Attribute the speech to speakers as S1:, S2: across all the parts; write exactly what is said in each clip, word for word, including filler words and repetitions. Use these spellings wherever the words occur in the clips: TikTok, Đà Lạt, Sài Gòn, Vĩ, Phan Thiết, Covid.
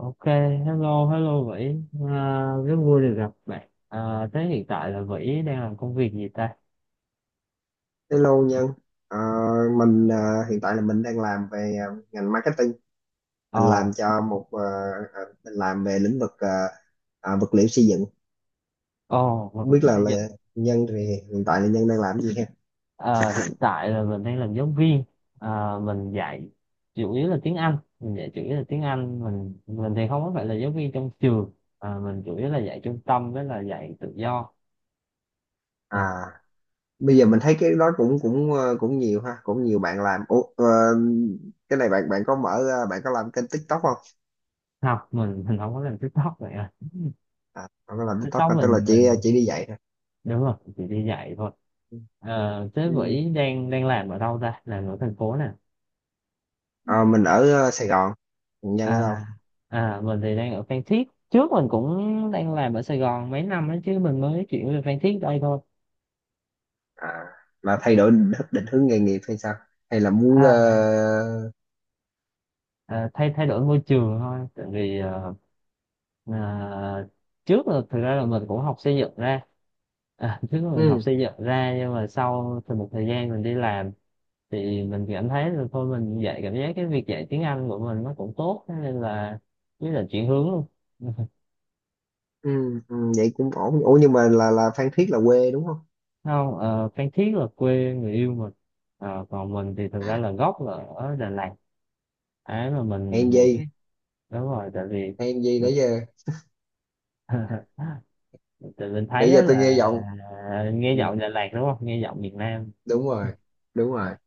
S1: Ok, hello, hello Vĩ. À, rất vui được gặp bạn. À, thế hiện tại là Vĩ đang làm công việc gì ta?
S2: Hello Nhân, Ờ, mình ờ, hiện tại là mình đang làm về ờ, ngành marketing,
S1: Ồ,
S2: mình làm cho một ờ, ờ, mình làm về lĩnh vực ờ, ờ, vật liệu xây dựng.
S1: ồ,
S2: Không
S1: vật
S2: biết
S1: liệu
S2: là,
S1: xây dựng.
S2: là Nhân thì hiện tại là Nhân đang làm cái gì ha?
S1: À, hiện tại là mình đang làm giáo viên. À, mình dạy chủ yếu là tiếng Anh. Mình dạy chủ yếu là tiếng Anh. Mình mình thì không có phải là giáo viên trong trường. À, mình chủ yếu là dạy trung tâm với là dạy tự do. À,
S2: À, bây giờ mình thấy cái đó cũng cũng ờ, cũng nhiều ha, cũng nhiều bạn làm. Ủa, ờ, cái này bạn bạn có mở ờ, bạn có làm kênh TikTok không?
S1: học mình mình không có làm TikTok vậy à.
S2: À, bạn có làm TikTok
S1: TikTok
S2: không? Tức là
S1: mình
S2: chỉ
S1: mình
S2: chỉ đi dạy thôi.
S1: đúng rồi, chỉ đi dạy thôi.
S2: Ừ.
S1: Ờ, thế
S2: Ừ.
S1: Vĩ đang đang làm ở đâu ta, làm ở thành phố nè?
S2: Ờ, mình ở ờ, Sài Gòn, Nhân ở đâu?
S1: À, à, mình thì đang ở Phan Thiết, trước mình cũng đang làm ở Sài Gòn mấy năm đó chứ mình mới chuyển về Phan Thiết đây thôi.
S2: à, mà thay đổi định, định hướng nghề nghiệp hay sao, hay là muốn
S1: À,
S2: ờ,
S1: à, thay thay đổi môi trường thôi, tại vì ờ, à, trước là thực ra là mình cũng học xây dựng ra. À, trước là mình học
S2: ừ,
S1: xây dựng ra nhưng mà sau thì một thời gian mình đi làm thì mình cảm thấy là thôi mình dạy, cảm giác cái việc dạy tiếng Anh của mình nó cũng tốt, thế nên là với là chuyển hướng luôn.
S2: ừ, ừ, vậy cũng ổn. Ủa nhưng mà là là Phan Thiết là quê đúng không?
S1: Không, ờ, Phan Thiết là quê người yêu mình. Ờ, còn mình thì thực ra là gốc là ở Đà Lạt. Ấy mà
S2: hèn
S1: mình mình
S2: gì
S1: biết, đúng rồi, tại vì
S2: hèn gì
S1: mình
S2: nãy giờ
S1: tại mình thấy
S2: nãy
S1: đó
S2: giờ tôi
S1: là
S2: nghe giọng.
S1: nghe
S2: Ừ,
S1: giọng Đà Lạt đúng không, nghe giọng miền Nam.
S2: đúng rồi, đúng rồi.
S1: À,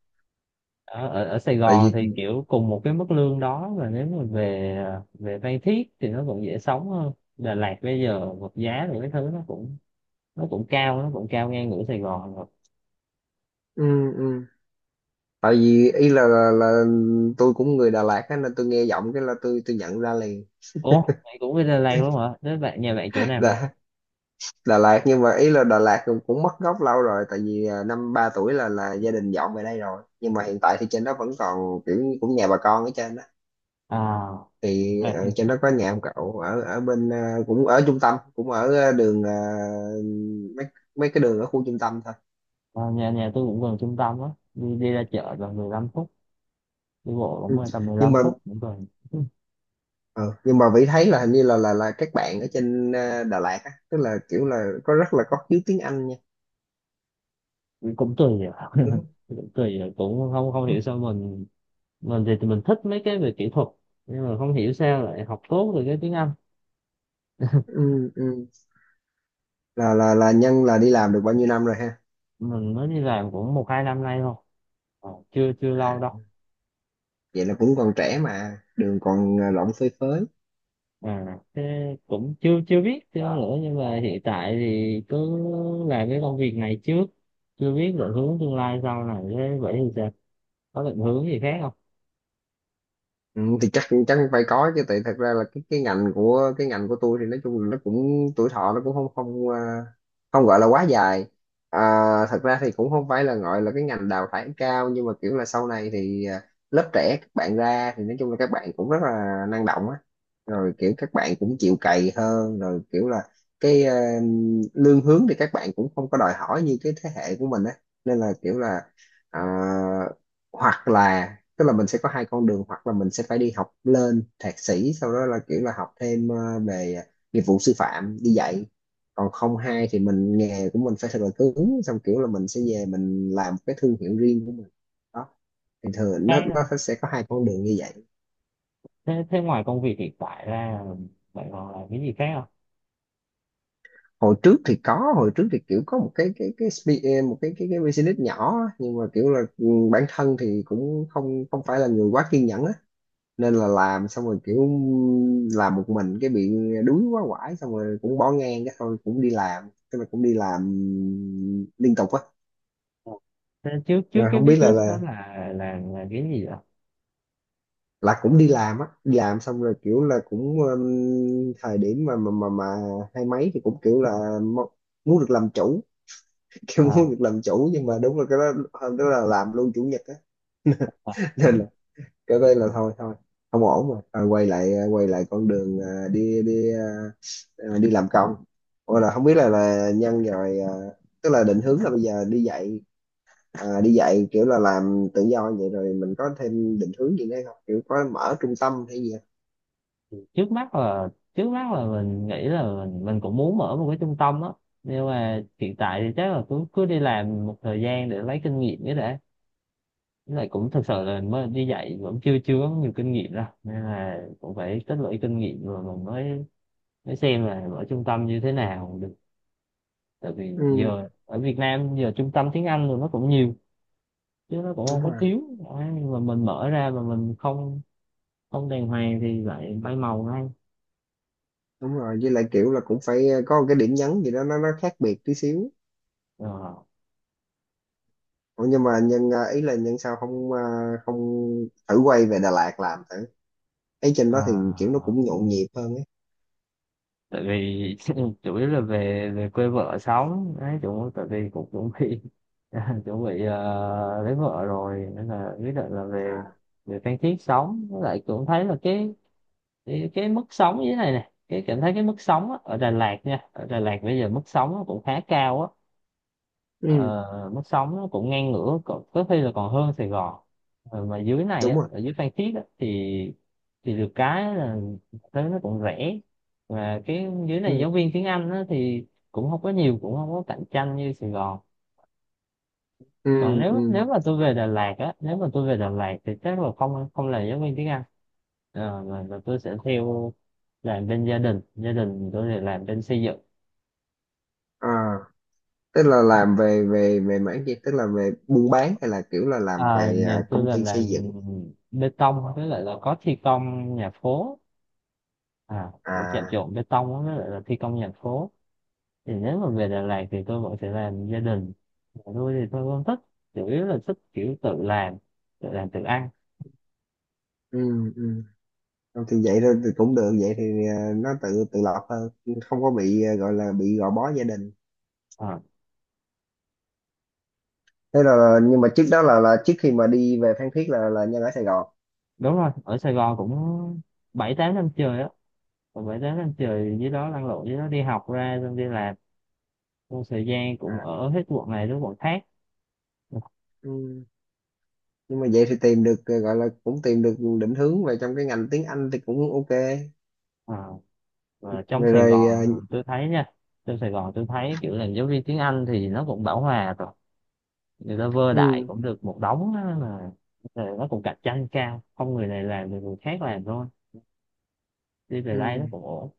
S1: ở, ở ở Sài
S2: Tại
S1: Gòn
S2: vì
S1: thì kiểu cùng một cái mức lương đó, và nếu mà về về Phan Thiết thì nó cũng dễ sống hơn. Đà Lạt bây giờ vật giá thì cái thứ nó cũng nó cũng cao, nó cũng cao ngang ngửa Sài Gòn rồi.
S2: ừ, ừ. Tại vì ý là, là là tôi cũng người Đà Lạt á nên tôi nghe giọng cái là tôi tôi nhận ra liền.
S1: Ủa mày cũng đi Đà Lạt luôn hả, thế bạn nhà bạn chỗ nào?
S2: Là Đà Lạt nhưng mà ý là Đà Lạt cũng, cũng mất gốc lâu rồi tại vì à, năm ba tuổi là là gia đình dọn về đây rồi, nhưng mà hiện tại thì trên đó vẫn còn kiểu như cũng nhà bà con ở trên đó.
S1: À,
S2: Thì
S1: à,
S2: ờ, trên đó có nhà ông cậu ở ở bên ờ, cũng ở trung tâm, cũng ở ờ, đường ờ, mấy mấy cái đường ở khu trung tâm thôi.
S1: nhà nhà tôi cũng gần trung tâm á, đi đi ra chợ gần mười lăm phút, đi bộ
S2: Ừ.
S1: cũng tầm mười
S2: Nhưng
S1: lăm
S2: mà
S1: phút cũng gần.
S2: ờ, nhưng mà Vĩ thấy là hình như là là là các bạn ở trên ờ, Đà Lạt á, tức là kiểu là có rất là có khiếu tiếng Anh nha,
S1: cũng cũng tùy rồi.
S2: đúng
S1: Cũng tùy rồi, cũng không không hiểu
S2: không?
S1: sao mình mình thì, thì mình thích mấy cái về kỹ thuật, nhưng mà không hiểu sao lại học tốt được cái tiếng Anh.
S2: Ừ, ừ. là là là nhân là đi làm được bao nhiêu năm rồi ha?
S1: Mình mới đi làm cũng một hai năm nay thôi. Ờ, chưa chưa
S2: À,
S1: lâu đâu.
S2: vậy là cũng còn trẻ mà đường còn à, lộn phơi phới.
S1: À, thế cũng chưa chưa biết chưa nữa nhưng mà hiện tại thì cứ làm cái công việc này trước, chưa biết định hướng tương lai sau này thế, vậy thì sao, có định hướng gì khác không
S2: Ừ, thì chắc chắc phải có chứ, tại thật ra là cái cái ngành của cái ngành của tôi thì nói chung là nó cũng tuổi thọ nó cũng không không à, không gọi là quá dài. à, Thật ra thì cũng không phải là gọi là cái ngành đào thải cao nhưng mà kiểu là sau này thì à, lớp trẻ các bạn ra thì nói chung là các bạn cũng rất là năng động á, rồi kiểu các bạn cũng chịu cày hơn, rồi kiểu là cái à, lương hướng thì các bạn cũng không có đòi hỏi như cái thế hệ của mình á, nên là kiểu là à, hoặc là tức là mình sẽ có hai con đường, hoặc là mình sẽ phải đi học lên thạc sĩ sau đó là kiểu là học thêm ờ, về nghiệp vụ sư phạm đi dạy, còn không hai thì mình nghề của mình phải thật là cứng xong kiểu là mình sẽ về mình làm cái thương hiệu riêng của mình đó. Thì thường nó
S1: khác đâu.
S2: nó sẽ có hai con đường như vậy.
S1: Thế thế ngoài công việc hiện tại ra bạn còn làm cái gì khác
S2: Hồi trước thì có, hồi trước thì kiểu có một cái cái cái spe- ờ, một cái cái cái business nhỏ á, nhưng mà kiểu là ừ, bản thân thì cũng không không phải là người quá kiên nhẫn á, nên là làm xong rồi kiểu làm một mình cái bị đuối quá quải xong rồi cũng bỏ ngang cái thôi, cũng đi làm, tức là cũng đi làm liên tục á.
S1: không, thế trước trước
S2: Rồi
S1: cái
S2: không biết là
S1: business đó
S2: là
S1: là là là cái gì vậy?
S2: là cũng đi làm á, đi làm xong rồi kiểu là cũng um, thời điểm mà mà mà mà hai mấy thì cũng kiểu là mo- muốn được làm chủ, kiểu muốn
S1: À,
S2: được làm chủ, nhưng mà đúng là cái đó hôm đó là làm luôn chủ nhật á.
S1: à, à.
S2: Nên là cái đây là thôi thôi không ổn rồi. Ờ, quay lại à, quay lại con đường à, đi đi à, à, đi làm công. Ủa là không biết là là nhân rồi à, tức là định hướng là bây giờ đi dạy, à, đi dạy kiểu là làm tự do, vậy rồi mình có thêm định hướng gì nữa không, kiểu có mở trung tâm hay gì không?
S1: trước mắt là trước mắt là mình nghĩ là mình mình cũng muốn mở một cái trung tâm á, nhưng mà hiện tại thì chắc là cứ cứ đi làm một thời gian để lấy kinh nghiệm cái đã. Với lại cũng thực sự là mới đi dạy vẫn chưa chưa có nhiều kinh nghiệm đâu, nên là cũng phải tích lũy kinh nghiệm rồi mình mới mới xem là mở trung tâm như thế nào được, tại vì
S2: Ừ,
S1: giờ ở Việt Nam giờ trung tâm tiếng Anh rồi nó cũng nhiều chứ nó cũng
S2: đúng
S1: không có
S2: rồi,
S1: thiếu. Đấy, nhưng mà mình mở ra mà mình không không đàng hoàng thì lại bay màu ngay
S2: đúng rồi. Với lại kiểu là cũng phải có một cái điểm nhấn gì đó nó nó khác biệt tí xíu.
S1: rồi.
S2: Ủa nhưng mà nhân à, ý là nhân sao không à, không thử quay về Đà Lạt làm thử. Ấy trên đó thì kiểu nó
S1: À,
S2: cũng nhộn nhịp hơn
S1: tại vì chủ yếu là về về quê vợ sống đấy, chủ tại vì cũng chuẩn bị chuẩn bị ờ, lấy vợ rồi nên là quyết định là
S2: ấy.
S1: về về Phan Thiết sống, với lại cũng thấy là cái cái, cái mức sống như thế này này, cái cảm thấy cái mức sống á, ở Đà Lạt nha, ở Đà Lạt bây giờ mức sống nó cũng khá cao á,
S2: Ừ,
S1: ờ, mức sống nó cũng ngang ngửa, có, có khi là còn hơn Sài Gòn. Ờ, mà dưới này
S2: đúng
S1: á,
S2: rồi.
S1: ở dưới Phan Thiết á, thì thì được cái là thế nó cũng rẻ, và cái dưới này
S2: Ừ.
S1: giáo viên tiếng Anh á, thì cũng không có nhiều, cũng không có cạnh tranh như Sài Gòn.
S2: Ừ.
S1: Còn nếu
S2: Ừ.
S1: nếu mà tôi về Đà Lạt á, nếu mà tôi về Đà Lạt thì chắc là không không là giáo viên tiếng Anh. Ờ, mà, mà tôi sẽ theo làm bên gia đình, gia đình tôi thì làm bên xây dựng.
S2: à Tức là làm về về về mảng gì, tức là về buôn bán hay là kiểu là làm
S1: Ờ,
S2: về à,
S1: nhà tôi
S2: công
S1: là
S2: ty xây
S1: làm
S2: dựng.
S1: bê tông với lại là có thi công nhà phố, à cũng chạm
S2: À.
S1: trộn bê tông á, với lại là thi công nhà phố, thì nếu mà về Đà Lạt thì tôi vẫn sẽ làm gia đình. Còn tôi thì tôi không thích, chủ yếu là thích kiểu tự làm, tự làm tự ăn.
S2: Ừ. Ừ. Không thì vậy thôi thì cũng được, vậy thì à, nó tự tự lập hơn, không có bị à, gọi là bị gò bó gia đình.
S1: Ờ,
S2: Thế là nhưng mà trước đó là là trước khi mà đi về Phan Thiết là là Nhân ở Sài Gòn.
S1: đúng rồi, ở Sài Gòn cũng bảy tám năm trời á, còn bảy tám năm trời dưới đó lăn lộn, dưới đó đi học ra xong đi làm, trong thời gian cũng
S2: À.
S1: ở hết quận này đến quận khác.
S2: Ừ. Nhưng mà vậy thì tìm được à, gọi là cũng tìm được định hướng về trong cái ngành tiếng Anh thì cũng ok.
S1: Ờ, và trong
S2: Rồi
S1: Sài
S2: rồi
S1: Gòn
S2: à,
S1: à, tôi thấy nha, trong Sài Gòn tôi thấy kiểu là giáo viên tiếng Anh thì nó cũng bão hòa rồi, người ta vơ đại
S2: ừ,
S1: cũng được một đống á, mà rồi nó cũng cạnh tranh cao, không, người này làm thì người khác làm thôi, đi về đây nó
S2: ừ.
S1: cũng ổn.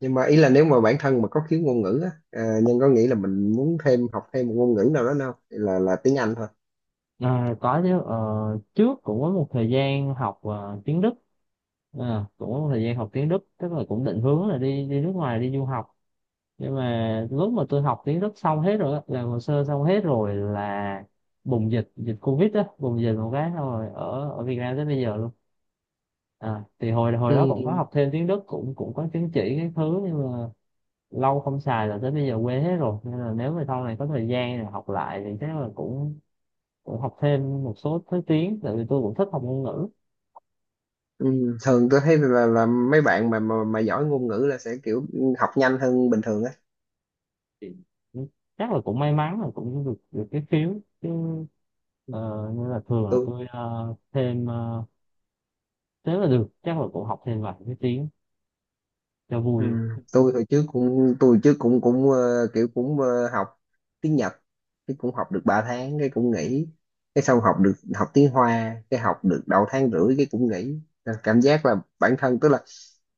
S2: Nhưng mà ý là nếu mà bản thân mà có khiếu ngôn ngữ á, à, Nhân có nghĩ là mình muốn thêm học thêm một ngôn ngữ nào đó, đâu là là tiếng Anh thôi.
S1: À, có chứ ờ, trước cũng có một thời gian học ờ, tiếng Đức. À, cũng có một thời gian học tiếng Đức, tức là cũng định hướng là đi đi nước ngoài đi du học, nhưng mà lúc mà tôi học tiếng Đức xong hết rồi á, làm hồ sơ xong hết rồi là bùng dịch, dịch Covid á, bùng dịch một cái xong rồi ở ở Việt Nam tới bây giờ luôn. À, thì hồi hồi đó cũng có
S2: Ừ.
S1: học thêm tiếng Đức, cũng cũng có chứng chỉ cái thứ, nhưng mà lâu không xài là tới bây giờ quên hết rồi, nên là nếu mà sau này có thời gian rồi học lại thì chắc là cũng cũng học thêm một số thứ tiếng, tại vì tôi cũng thích học ngôn ngữ.
S2: Ừ. Thường tôi thấy là, là mấy bạn mà, mà mà giỏi ngôn ngữ là sẽ kiểu học nhanh hơn bình thường á.
S1: Thì chắc là cũng may mắn là cũng được được cái phiếu chứ ờ, nên là thường là
S2: Tôi.
S1: tôi ờ, thêm ờ, thế là được, chắc là cũng học thêm vài cái tiếng cho
S2: Ừ.
S1: vui.
S2: Tôi hồi trước cũng tôi trước cũng cũng ờ, kiểu cũng ờ, học tiếng Nhật cái cũng học được ba tháng cái cũng nghỉ, cái xong học được học tiếng Hoa cái học được đầu tháng rưỡi cái cũng nghỉ. Nên cảm giác là bản thân tức là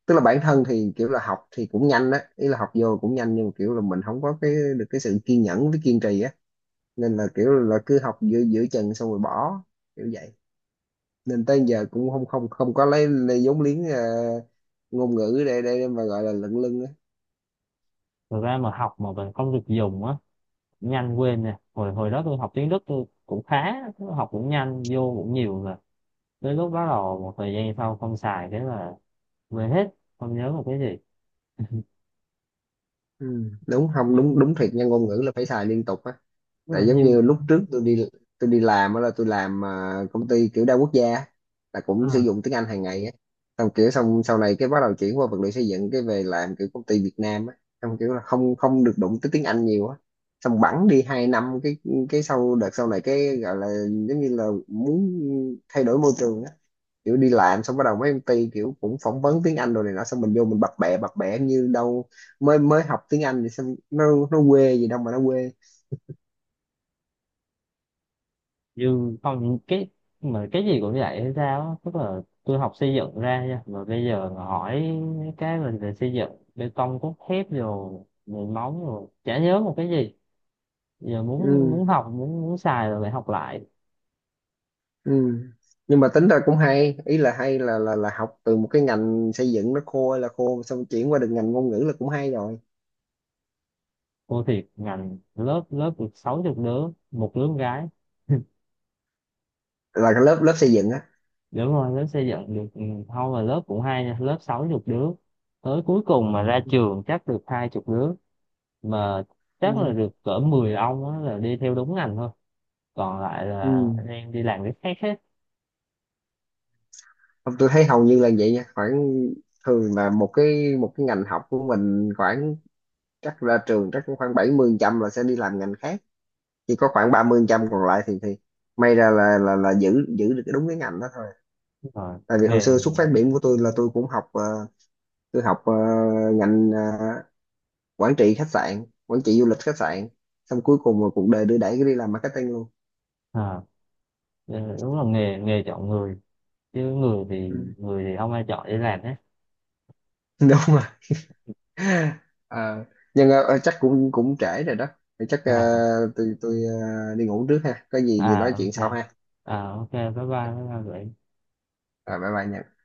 S2: tức là bản thân thì kiểu là học thì cũng nhanh á, ý là học vô cũng nhanh, nhưng mà kiểu là mình không có cái được cái sự kiên nhẫn với kiên trì á, nên là kiểu là cứ học giữa giữa chừng xong rồi bỏ, kiểu vậy. Nên tới giờ cũng không không không có lấy, lấy vốn liếng ờ, ngôn ngữ để để mà gọi là lận lưng.
S1: Thật ra mà học mà mình không được dùng á nhanh quên nè, hồi hồi đó tôi học tiếng Đức tôi cũng khá, học cũng nhanh vô cũng nhiều rồi. Tới lúc bắt đầu một thời gian sau không xài thế là quên hết, không nhớ một cái gì,
S2: Ừ, đúng không, đúng đúng thiệt nha, ngôn ngữ là phải xài liên tục á.
S1: tức
S2: Tại
S1: là
S2: giống
S1: như
S2: như lúc trước tôi đi, tôi đi làm á là tôi làm à, công ty kiểu đa quốc gia á, là cũng sử
S1: à,
S2: dụng tiếng Anh hàng ngày á, xong kiểu xong sau này cái bắt đầu chuyển qua vật liệu xây dựng cái về làm kiểu công ty Việt Nam á, xong kiểu là không không được đụng tới tiếng Anh nhiều á, xong bẵng đi hai năm cái cái sau đợt sau này cái gọi là giống như là muốn thay đổi môi trường á, kiểu đi làm xong bắt đầu mấy công ty kiểu cũng phỏng vấn tiếng Anh rồi này nọ xong mình vô mình bập bẹ bập bẹ như đâu mới mới học tiếng Anh, thì xong nó nó quê gì đâu mà nó quê.
S1: như không cái mà cái gì cũng vậy hay sao á. Tức là tôi học xây dựng ra nha, mà bây giờ mà hỏi mấy cái mình về xây dựng, bê tông cốt thép rồi nền móng rồi chả nhớ một cái gì, giờ muốn
S2: Ừ,
S1: muốn học muốn muốn xài rồi lại học lại.
S2: ừ. Nhưng mà tính ra cũng hay, ý là hay là là là học từ một cái ngành xây dựng nó khô hay là khô xong chuyển qua được ngành ngôn ngữ là cũng hay rồi.
S1: Cô thiệt ngành lớp lớp được sáu chục đứa một đứa con gái,
S2: Là cái lớp lớp xây dựng á.
S1: đúng rồi lớp xây dựng được ừ, thôi mà lớp cũng hay nha, lớp sáu chục đứa tới cuối cùng mà ra trường chắc được hai chục đứa, mà
S2: Ừ.
S1: chắc là được cỡ mười ông á, là đi theo đúng ngành thôi, còn lại
S2: Ừ.
S1: là đang đi làm cái khác hết
S2: Không, tôi thấy hầu như là vậy nha, khoảng thường là một cái một cái ngành học của mình khoảng chắc ra trường chắc cũng khoảng bảy mươi phần trăm là sẽ đi làm ngành khác, chỉ có khoảng ba mươi phần trăm còn lại thì thì may ra là là là giữ giữ được cái đúng cái ngành đó thôi.
S1: rồi
S2: Tại vì hồi
S1: nghề.
S2: xưa xuất phát điểm của tôi là tôi cũng học ờ, tôi học ờ, ngành ờ, quản trị khách sạn quản trị du lịch khách sạn, xong cuối cùng mà cuộc đời đưa đẩy cái đi làm marketing luôn.
S1: À, ờ, đúng là nghề nghề chọn người chứ người thì
S2: Ừ.
S1: người thì không ai chọn đi làm hết.
S2: Đúng rồi. Ờ, nhưng ờ, ờ, chắc cũng cũng trễ rồi đó. Thì chắc ờ,
S1: À,
S2: tôi tôi ờ, đi ngủ trước ha, có gì
S1: à
S2: thì nói chuyện
S1: ok.
S2: sau ha.
S1: À ok bye bye, bye bye.
S2: Rồi, bye bye nha.